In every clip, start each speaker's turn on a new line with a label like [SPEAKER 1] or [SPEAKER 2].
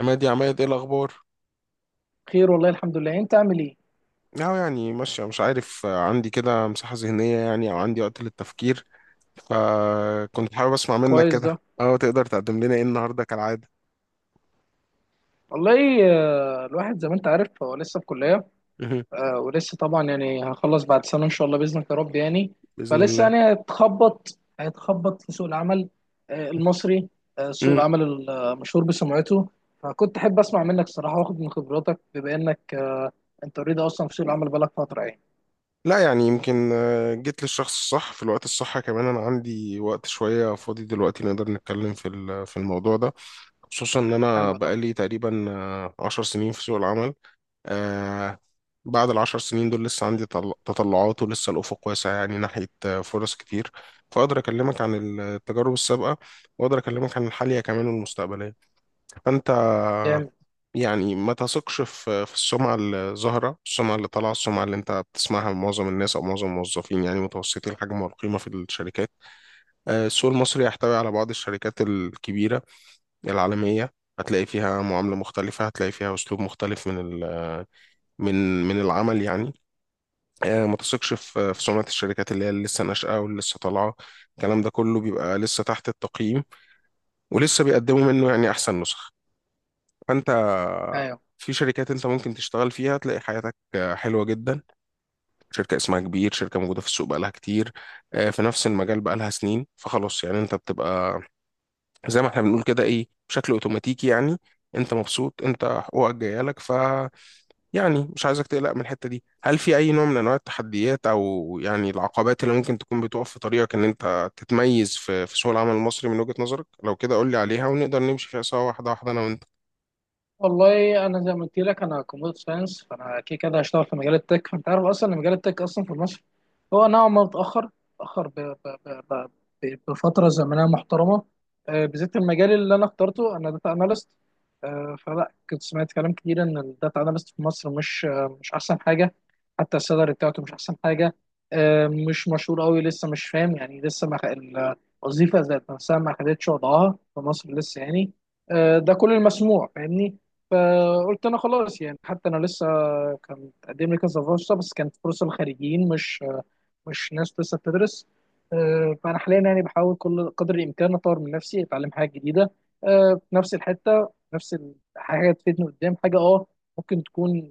[SPEAKER 1] عماد يا عماد، ايه الاخبار؟
[SPEAKER 2] خير والله الحمد لله. انت عامل ايه؟
[SPEAKER 1] أهو يعني ماشي مش عارف، عندي كده مساحة ذهنية، يعني او عندي وقت للتفكير. فكنت حابب اسمع منك
[SPEAKER 2] كويس
[SPEAKER 1] كده،
[SPEAKER 2] ده
[SPEAKER 1] تقدر تقدم لنا ايه النهارده كالعادة؟
[SPEAKER 2] والله. الواحد زي ما انت عارف هو لسه في كلية.
[SPEAKER 1] مهم.
[SPEAKER 2] ولسه طبعا يعني هخلص بعد سنة ان شاء الله بإذنك يا رب يعني.
[SPEAKER 1] بإذن
[SPEAKER 2] فلسه
[SPEAKER 1] الله.
[SPEAKER 2] يعني هيتخبط في سوق العمل المصري، سوق
[SPEAKER 1] مم.
[SPEAKER 2] العمل المشهور بسمعته. فكنت احب اسمع منك الصراحة واخد من خبراتك بما انك انت اوريدي اصلا في سوق العمل بقالك فترة يعني.
[SPEAKER 1] لا، يعني يمكن جيت للشخص الصح في الوقت الصح كمان. انا عندي وقت شوية فاضي دلوقتي، نقدر نتكلم في في الموضوع ده. خصوصا ان انا
[SPEAKER 2] حلو ده.
[SPEAKER 1] بقالي تقريبا 10 سنين في سوق العمل. آه، بعد العشر سنين دول لسه عندي تطلعات، ولسه الأفق واسع، يعني ناحية فرص كتير. فأقدر أكلمك عن التجارب السابقة، وأقدر أكلمك عن الحالية كمان والمستقبلية، فأنت.
[SPEAKER 2] جامد.
[SPEAKER 1] يعني ما تثقش في السمعة الظاهرة، السمعة اللي طالعة، السمعة اللي أنت بتسمعها من معظم الناس أو معظم الموظفين، يعني متوسطي الحجم والقيمة في الشركات. السوق المصري يحتوي على بعض الشركات الكبيرة العالمية. هتلاقي فيها معاملة مختلفة، هتلاقي فيها أسلوب مختلف من ال- من العمل يعني. ما تثقش في
[SPEAKER 2] ماشي.
[SPEAKER 1] سمعة الشركات اللي هي اللي لسه ناشئة، واللي لسه طالعة. الكلام ده كله بيبقى لسه تحت التقييم، ولسه بيقدموا منه يعني أحسن نسخ، فأنت.
[SPEAKER 2] ايوه.
[SPEAKER 1] في شركات أنت ممكن تشتغل فيها تلاقي حياتك حلوة جدا. شركة اسمها كبير، شركة موجودة في السوق بقالها كتير في نفس المجال، بقالها سنين. فخلاص يعني أنت بتبقى زي ما احنا بنقول كده إيه، بشكل أوتوماتيكي يعني. أنت مبسوط، أنت حقوقك جاية لك. يعني مش عايزك تقلق من الحتة دي. هل في أي نوع من أنواع التحديات أو يعني العقبات اللي ممكن تكون بتقف في طريقك إن أنت تتميز في سوق العمل المصري من وجهة نظرك؟ لو كده قول لي عليها، ونقدر نمشي فيها سوا، واحدة واحدة، أنا وأنت.
[SPEAKER 2] والله انا زي ما قلت لك انا كمبيوتر ساينس، فانا كده كده هشتغل في مجال التك. فانت عارف اصلا ان مجال التك اصلا في مصر هو نوعا ما متاخر، متاخر ب... ب... بفتره زمنيه محترمه. بالذات المجال اللي انا اخترته انا داتا اناليست. فلا، كنت سمعت كلام كتير ان الداتا اناليست في مصر مش مش احسن حاجه. حتى السالري بتاعته مش احسن حاجه. مش مشهور قوي لسه، مش فاهم يعني لسه ما خ- الوظيفه ذات نفسها ما خدتش وضعها في مصر لسه يعني. ده كل المسموع فاهمني. فقلت انا خلاص يعني، حتى انا لسه كان تقدم لي كذا فرصه بس كانت فرصه للخريجين، مش ناس لسه بتدرس. فانا حاليا يعني بحاول كل قدر الامكان اطور من نفسي، اتعلم حاجه جديده في نفس الحته، حاجه تفيدني قدام، حاجه اه ممكن تكون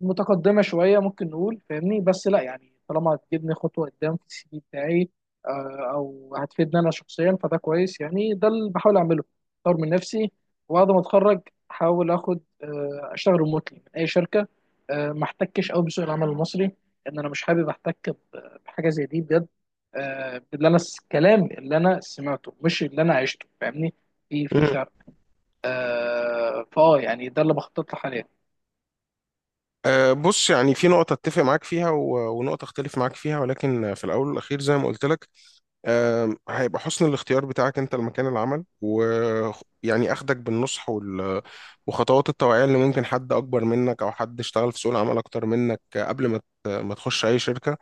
[SPEAKER 2] متقدمه شويه ممكن نقول فاهمني، بس لا يعني طالما هتجيبني خطوه قدام في السي في بتاعي او هتفيدني انا شخصيا فده كويس يعني. ده اللي بحاول اعمله، اطور من نفسي. وبعد ما اتخرج احاول اخد اشتغل ريموتلي من اي شركه ما احتكش قوي بسوق العمل المصري، لان انا مش حابب احتك بحاجه زي دي بجد. آه، اللي انا الكلام اللي انا سمعته مش اللي انا عشته فاهمني، في
[SPEAKER 1] مم.
[SPEAKER 2] فرق. فاه يعني ده اللي بخطط له حاليا.
[SPEAKER 1] بص، يعني في نقطة أتفق معاك فيها ونقطة أختلف معاك فيها، ولكن في الأول والأخير زي ما قلت لك. هيبقى حسن الاختيار بتاعك انت لمكان العمل، ويعني اخدك بالنصح وخطوات التوعية، اللي ممكن حد اكبر منك او حد اشتغل في سوق العمل اكتر منك، قبل ما ما تخش اي شركة.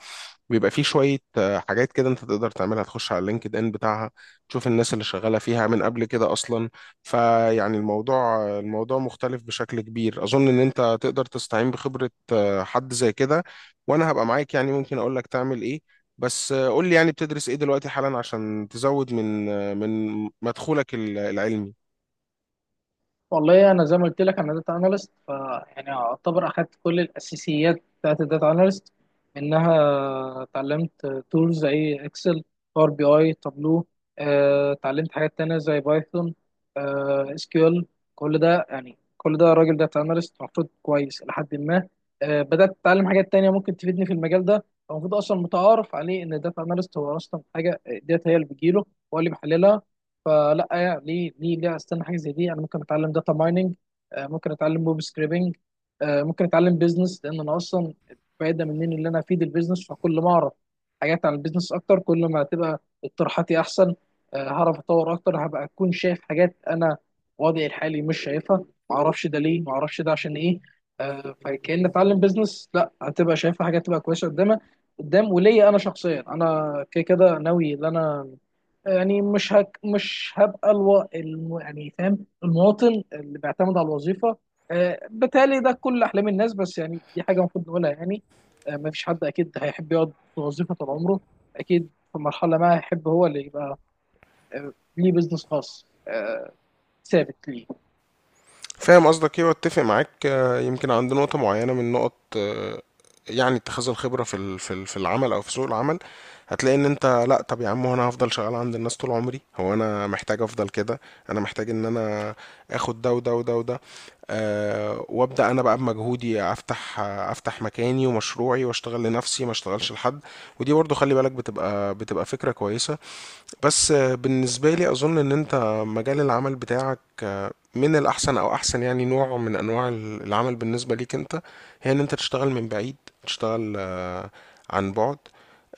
[SPEAKER 1] بيبقى فيه شوية حاجات كده انت تقدر تعملها. تخش على اللينكد ان بتاعها، تشوف الناس اللي شغالة فيها من قبل كده اصلا. فيعني الموضوع مختلف بشكل كبير. اظن ان انت تقدر تستعين بخبرة حد زي كده، وانا هبقى معاك، يعني ممكن اقول لك تعمل ايه. بس قول لي يعني بتدرس ايه دلوقتي حالا، عشان تزود من مدخولك العلمي.
[SPEAKER 2] والله انا زي ما قلت لك انا داتا اناليست، ف يعني اعتبر اخدت كل الاساسيات بتاعت الداتا اناليست منها. اتعلمت تولز زي اكسل، باور بي اي، تابلو. اتعلمت حاجات تانية زي بايثون، اس كيو ال. كل ده يعني، كل ده راجل داتا اناليست المفروض كويس الى حد ما. بدات اتعلم حاجات تانية ممكن تفيدني في المجال ده. المفروض اصلا متعارف عليه ان الداتا اناليست هو اصلا حاجه ديت هي اللي بتجيله، هو اللي بيحللها. فلا يعني ليه استنى حاجه زي دي. انا ممكن اتعلم داتا مايننج، ممكن اتعلم ويب سكريبنج، ممكن اتعلم بيزنس، لان انا اصلا فايده مني ان انا افيد البيزنس. فكل ما اعرف حاجات عن البيزنس اكتر، كل ما هتبقى اقتراحاتي احسن. هعرف اتطور اكتر، هبقى اكون شايف حاجات انا وضعي الحالي مش شايفها. ما اعرفش ده ليه، ما اعرفش ده عشان ايه. فكأن اتعلم بيزنس لا هتبقى شايفها حاجات تبقى كويسه قدامها قدام. وليا انا شخصيا انا كده كده ناوي ان انا يعني مش هبقى يعني فاهم، المواطن اللي بيعتمد على الوظيفه. آه بالتالي ده كل احلام الناس، بس يعني دي حاجه المفروض نقولها يعني. آه ما فيش حد اكيد هيحب يقعد في وظيفه طول عمره، اكيد في مرحله ما هيحب هو اللي يبقى آه ليه بيزنس خاص، آه ثابت ليه.
[SPEAKER 1] فاهم قصدك ايه، واتفق معاك. يمكن عند نقطة معينة من نقط، يعني اتخاذ الخبرة في العمل او في سوق العمل، هتلاقي ان انت لا طب يا عم، هو انا هفضل شغال عند الناس طول عمري؟ هو انا محتاج افضل كده؟ انا محتاج ان انا اخد ده وده وده وده. وابدا انا بقى بمجهودي افتح مكاني ومشروعي، واشتغل لنفسي ما اشتغلش لحد. ودي برضو خلي بالك، بتبقى فكرة كويسة. بس بالنسبة لي أظن إن أنت، مجال العمل بتاعك من الأحسن، أو أحسن يعني نوع من أنواع العمل بالنسبة ليك أنت، هي إن أنت تشتغل من بعيد، تشتغل عن بعد.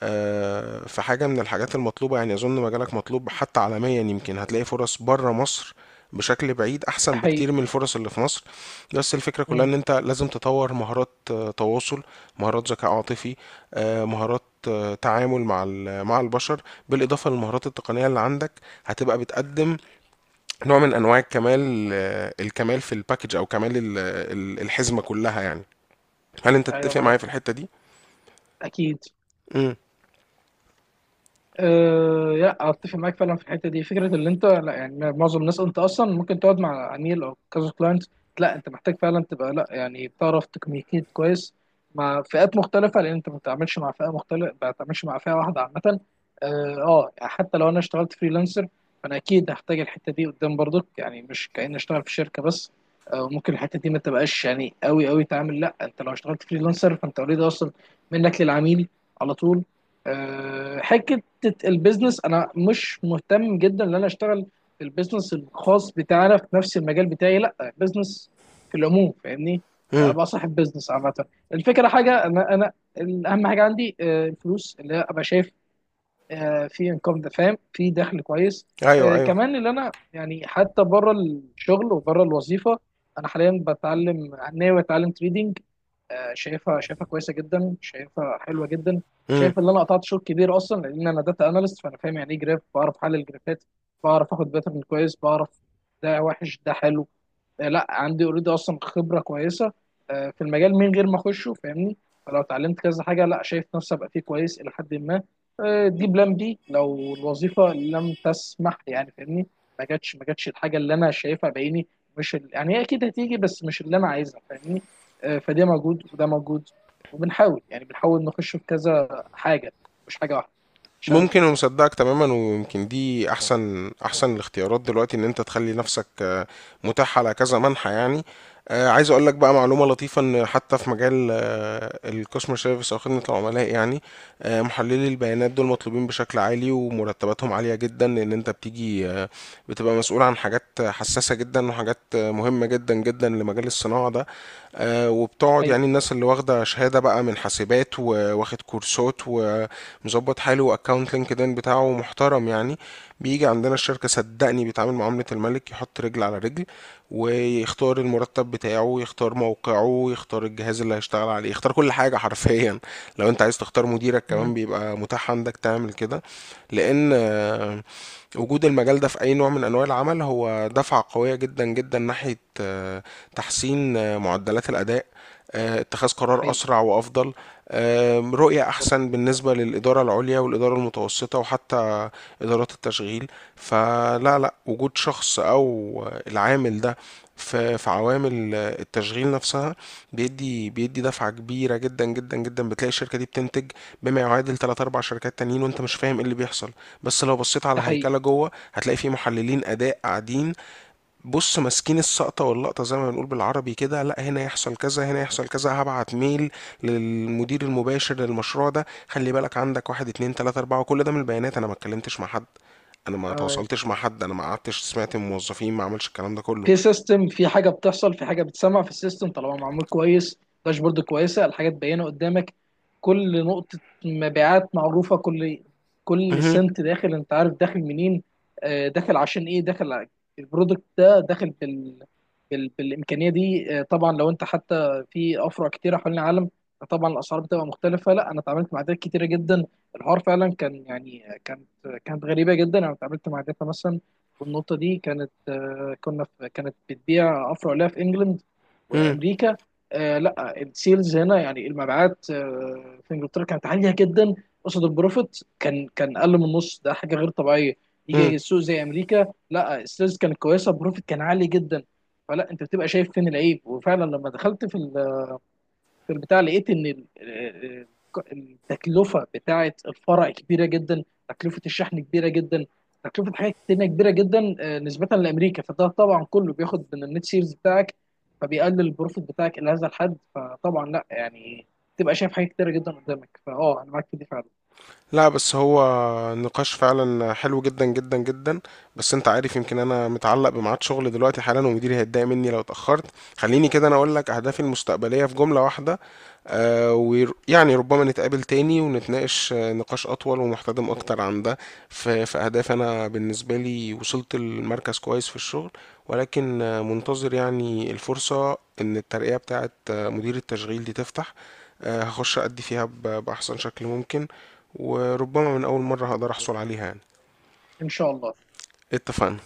[SPEAKER 1] في حاجة من الحاجات المطلوبة، يعني أظن مجالك مطلوب حتى عالميا. يمكن هتلاقي فرص بره مصر بشكل بعيد
[SPEAKER 2] ده
[SPEAKER 1] أحسن
[SPEAKER 2] حقيقي.
[SPEAKER 1] بكتير من الفرص اللي في مصر. بس الفكرة كلها
[SPEAKER 2] مم.
[SPEAKER 1] إن أنت لازم تطور مهارات تواصل، مهارات ذكاء عاطفي، مهارات تعامل مع البشر، بالاضافه للمهارات التقنيه اللي عندك. هتبقى بتقدم نوع من انواع الكمال في الباكج، او كمال الحزمه كلها يعني. هل انت
[SPEAKER 2] ايوه
[SPEAKER 1] تتفق معايا
[SPEAKER 2] معاك،
[SPEAKER 1] في الحته دي؟
[SPEAKER 2] اكيد.
[SPEAKER 1] امم.
[SPEAKER 2] أه لا، اتفق معاك فعلا في الحته دي. فكره اللي انت لا يعني معظم الناس، انت اصلا ممكن تقعد مع عميل او كذا كلاينت، لا انت محتاج فعلا تبقى لا يعني بتعرف تكميكيت كويس مع فئات مختلفه، لان انت ما بتتعاملش مع فئه مختلفه، ما بتتعاملش مع فئه واحده عامه. اه. يعني حتى لو انا اشتغلت فريلانسر فانا اكيد هحتاج الحته دي قدام برضك يعني، مش كأني اشتغل في شركه بس. أه ممكن الحته دي ما تبقاش يعني قوي قوي تعامل، لا انت لو اشتغلت فريلانسر فانت اوريدي اصلا منك للعميل على طول. آه، حته حته البيزنس، انا مش مهتم جدا ان انا اشتغل في البيزنس الخاص بتاعنا في نفس المجال بتاعي، لا بيزنس في العموم فاهمني.
[SPEAKER 1] امم.
[SPEAKER 2] ابقى صاحب بيزنس عامه. الفكره حاجه انا اهم حاجه عندي الفلوس، اللي هي ابقى شايف في انكم ده فاهم، في دخل كويس.
[SPEAKER 1] ايوه، ايوه.
[SPEAKER 2] كمان اللي انا يعني حتى بره الشغل وبره الوظيفه، انا حاليا بتعلم ناوي اتعلم تريدينج. شايفها كويسه جدا، شايفها حلوه جدا.
[SPEAKER 1] مم.
[SPEAKER 2] شايف ان انا قطعت شوط كبير اصلا، لان انا داتا اناليست فانا فاهم يعني ايه جراف، بعرف احلل جرافات، بعرف اخد باترن كويس، بعرف ده وحش ده حلو. لا عندي اوريدي اصلا خبره كويسه في المجال من غير ما اخشه فاهمني. فلو اتعلمت كذا حاجه لا شايف نفسي ابقى فيه كويس الى حد ما. دي بلان بي لو الوظيفه لم تسمح يعني فاهمني، ما جاتش الحاجه اللي انا شايفها بعيني. مش ال... يعني هي اكيد هتيجي بس مش اللي انا عايزها فاهمني. فده موجود وده موجود، وبنحاول يعني بنحاول نخش في كذا حاجه مش حاجه واحده عشان
[SPEAKER 1] ممكن، ومصدقك تماما. ويمكن دي احسن احسن الاختيارات دلوقتي، ان انت تخلي نفسك متاح على كذا منحى يعني. عايز اقول لك بقى معلومه لطيفه، ان حتى في مجال الكاستمر سيرفيس او خدمه العملاء يعني، محللي البيانات دول مطلوبين بشكل عالي، ومرتباتهم عاليه جدا، لان انت بتيجي بتبقى مسؤول عن حاجات حساسه جدا، وحاجات مهمه جدا جدا لمجال الصناعه ده. وبتقعد
[SPEAKER 2] حقيقي.
[SPEAKER 1] يعني، الناس اللي واخده شهاده بقى من حاسبات، وواخد كورسات و مظبط حاله، واكونت لينكدين بتاعه محترم يعني، بيجي عندنا الشركة صدقني بيتعامل معاملة الملك. يحط رجل على رجل، ويختار المرتب بتاعه، يختار موقعه، يختار الجهاز اللي هيشتغل عليه، يختار كل حاجة حرفيا. لو انت عايز تختار مديرك
[SPEAKER 2] مم.
[SPEAKER 1] كمان بيبقى متاح عندك تعمل كده. لان وجود المجال ده في أي نوع من أنواع العمل هو دفعة قوية جدا جدا، ناحية تحسين معدلات الأداء، اتخاذ
[SPEAKER 2] ده
[SPEAKER 1] قرار
[SPEAKER 2] حقيقي.
[SPEAKER 1] أسرع وأفضل، رؤية
[SPEAKER 2] بالظبط.
[SPEAKER 1] أحسن بالنسبة للإدارة العليا والإدارة المتوسطة، وحتى إدارات التشغيل. فلا لا، وجود شخص أو العامل ده في عوامل التشغيل نفسها بيدي دفعة كبيرة جدا جدا جدا. بتلاقي الشركة دي بتنتج بما يعادل 3 4 شركات تانيين، وانت مش فاهم ايه اللي بيحصل. بس لو بصيت على
[SPEAKER 2] ده حقيقي.
[SPEAKER 1] هيكلة جوه، هتلاقي فيه محللين أداء قاعدين. بص، ماسكين السقطة واللقطة زي ما بنقول بالعربي كده، لا هنا يحصل كذا، هنا يحصل كذا، هبعت ميل للمدير المباشر للمشروع ده. خلي بالك، عندك واحد اتنين تلاتة أربعة، وكل ده من البيانات. أنا ما اتكلمتش مع حد، أنا ما
[SPEAKER 2] آه،
[SPEAKER 1] تواصلتش مع حد، أنا ما قعدتش سمعت من موظفين، ما عملش الكلام ده كله.
[SPEAKER 2] في سيستم، في حاجه بتحصل في حاجه بتسمع في السيستم طالما معمول كويس، داشبورد كويسه، الحاجات باينه قدامك، كل نقطه مبيعات معروفه، كل
[SPEAKER 1] مهم.
[SPEAKER 2] سنت داخل انت عارف داخل منين، داخل عشان ايه، البرودكت ده داخل بالامكانيه دي. طبعا لو انت حتى في افرع كتيره حوالين العالم طبعا الاسعار بتبقى مختلفه. لا انا اتعاملت مع عادات كتيره جدا، الحوار فعلا كان يعني كانت غريبه جدا. انا اتعاملت مع داتا مثلا، والنقطة دي كانت آه، كنا في كانت بتبيع أفرع لها في إنجلند
[SPEAKER 1] مم.
[SPEAKER 2] وأمريكا. لا السيلز هنا يعني المبيعات في إنجلترا كانت عالية جدا، قصاد البروفيت كان أقل من النص، ده حاجة غير طبيعية.
[SPEAKER 1] مم.
[SPEAKER 2] يجي السوق زي أمريكا لا السيلز كانت كويسة، البروفيت كان عالي جدا. فلا أنت بتبقى شايف فين العيب. وفعلا لما دخلت في في البتاع لقيت ان التكلفه بتاعه الفرع كبيره جدا، تكلفه الشحن كبيره جدا، تكلفه حاجات تانية كبيره جدا نسبه لامريكا. فده طبعا كله بياخد من النت سيرز بتاعك، فبيقلل البروفيت بتاعك الى هذا الحد. فطبعا لا يعني تبقى شايف حاجات كتيره جدا قدامك. فاه انا معاك في دي فعلا
[SPEAKER 1] لا، بس هو نقاش فعلا حلو جدا جدا جدا. بس انت عارف، يمكن انا متعلق بميعاد شغل دلوقتي حالا، ومديري هيتضايق مني لو اتأخرت. خليني كده انا اقول لك اهدافي المستقبلية في جملة واحدة. ويعني ربما نتقابل تاني ونتناقش نقاش اطول ومحتدم اكتر عن ده. في اهداف، انا بالنسبة لي وصلت المركز كويس في الشغل، ولكن منتظر يعني الفرصة ان الترقية بتاعت مدير التشغيل دي تفتح. هخش أدي فيها بأحسن شكل ممكن، وربما من أول مرة هقدر أحصل عليها يعني.
[SPEAKER 2] ان شاء الله.
[SPEAKER 1] اتفقنا.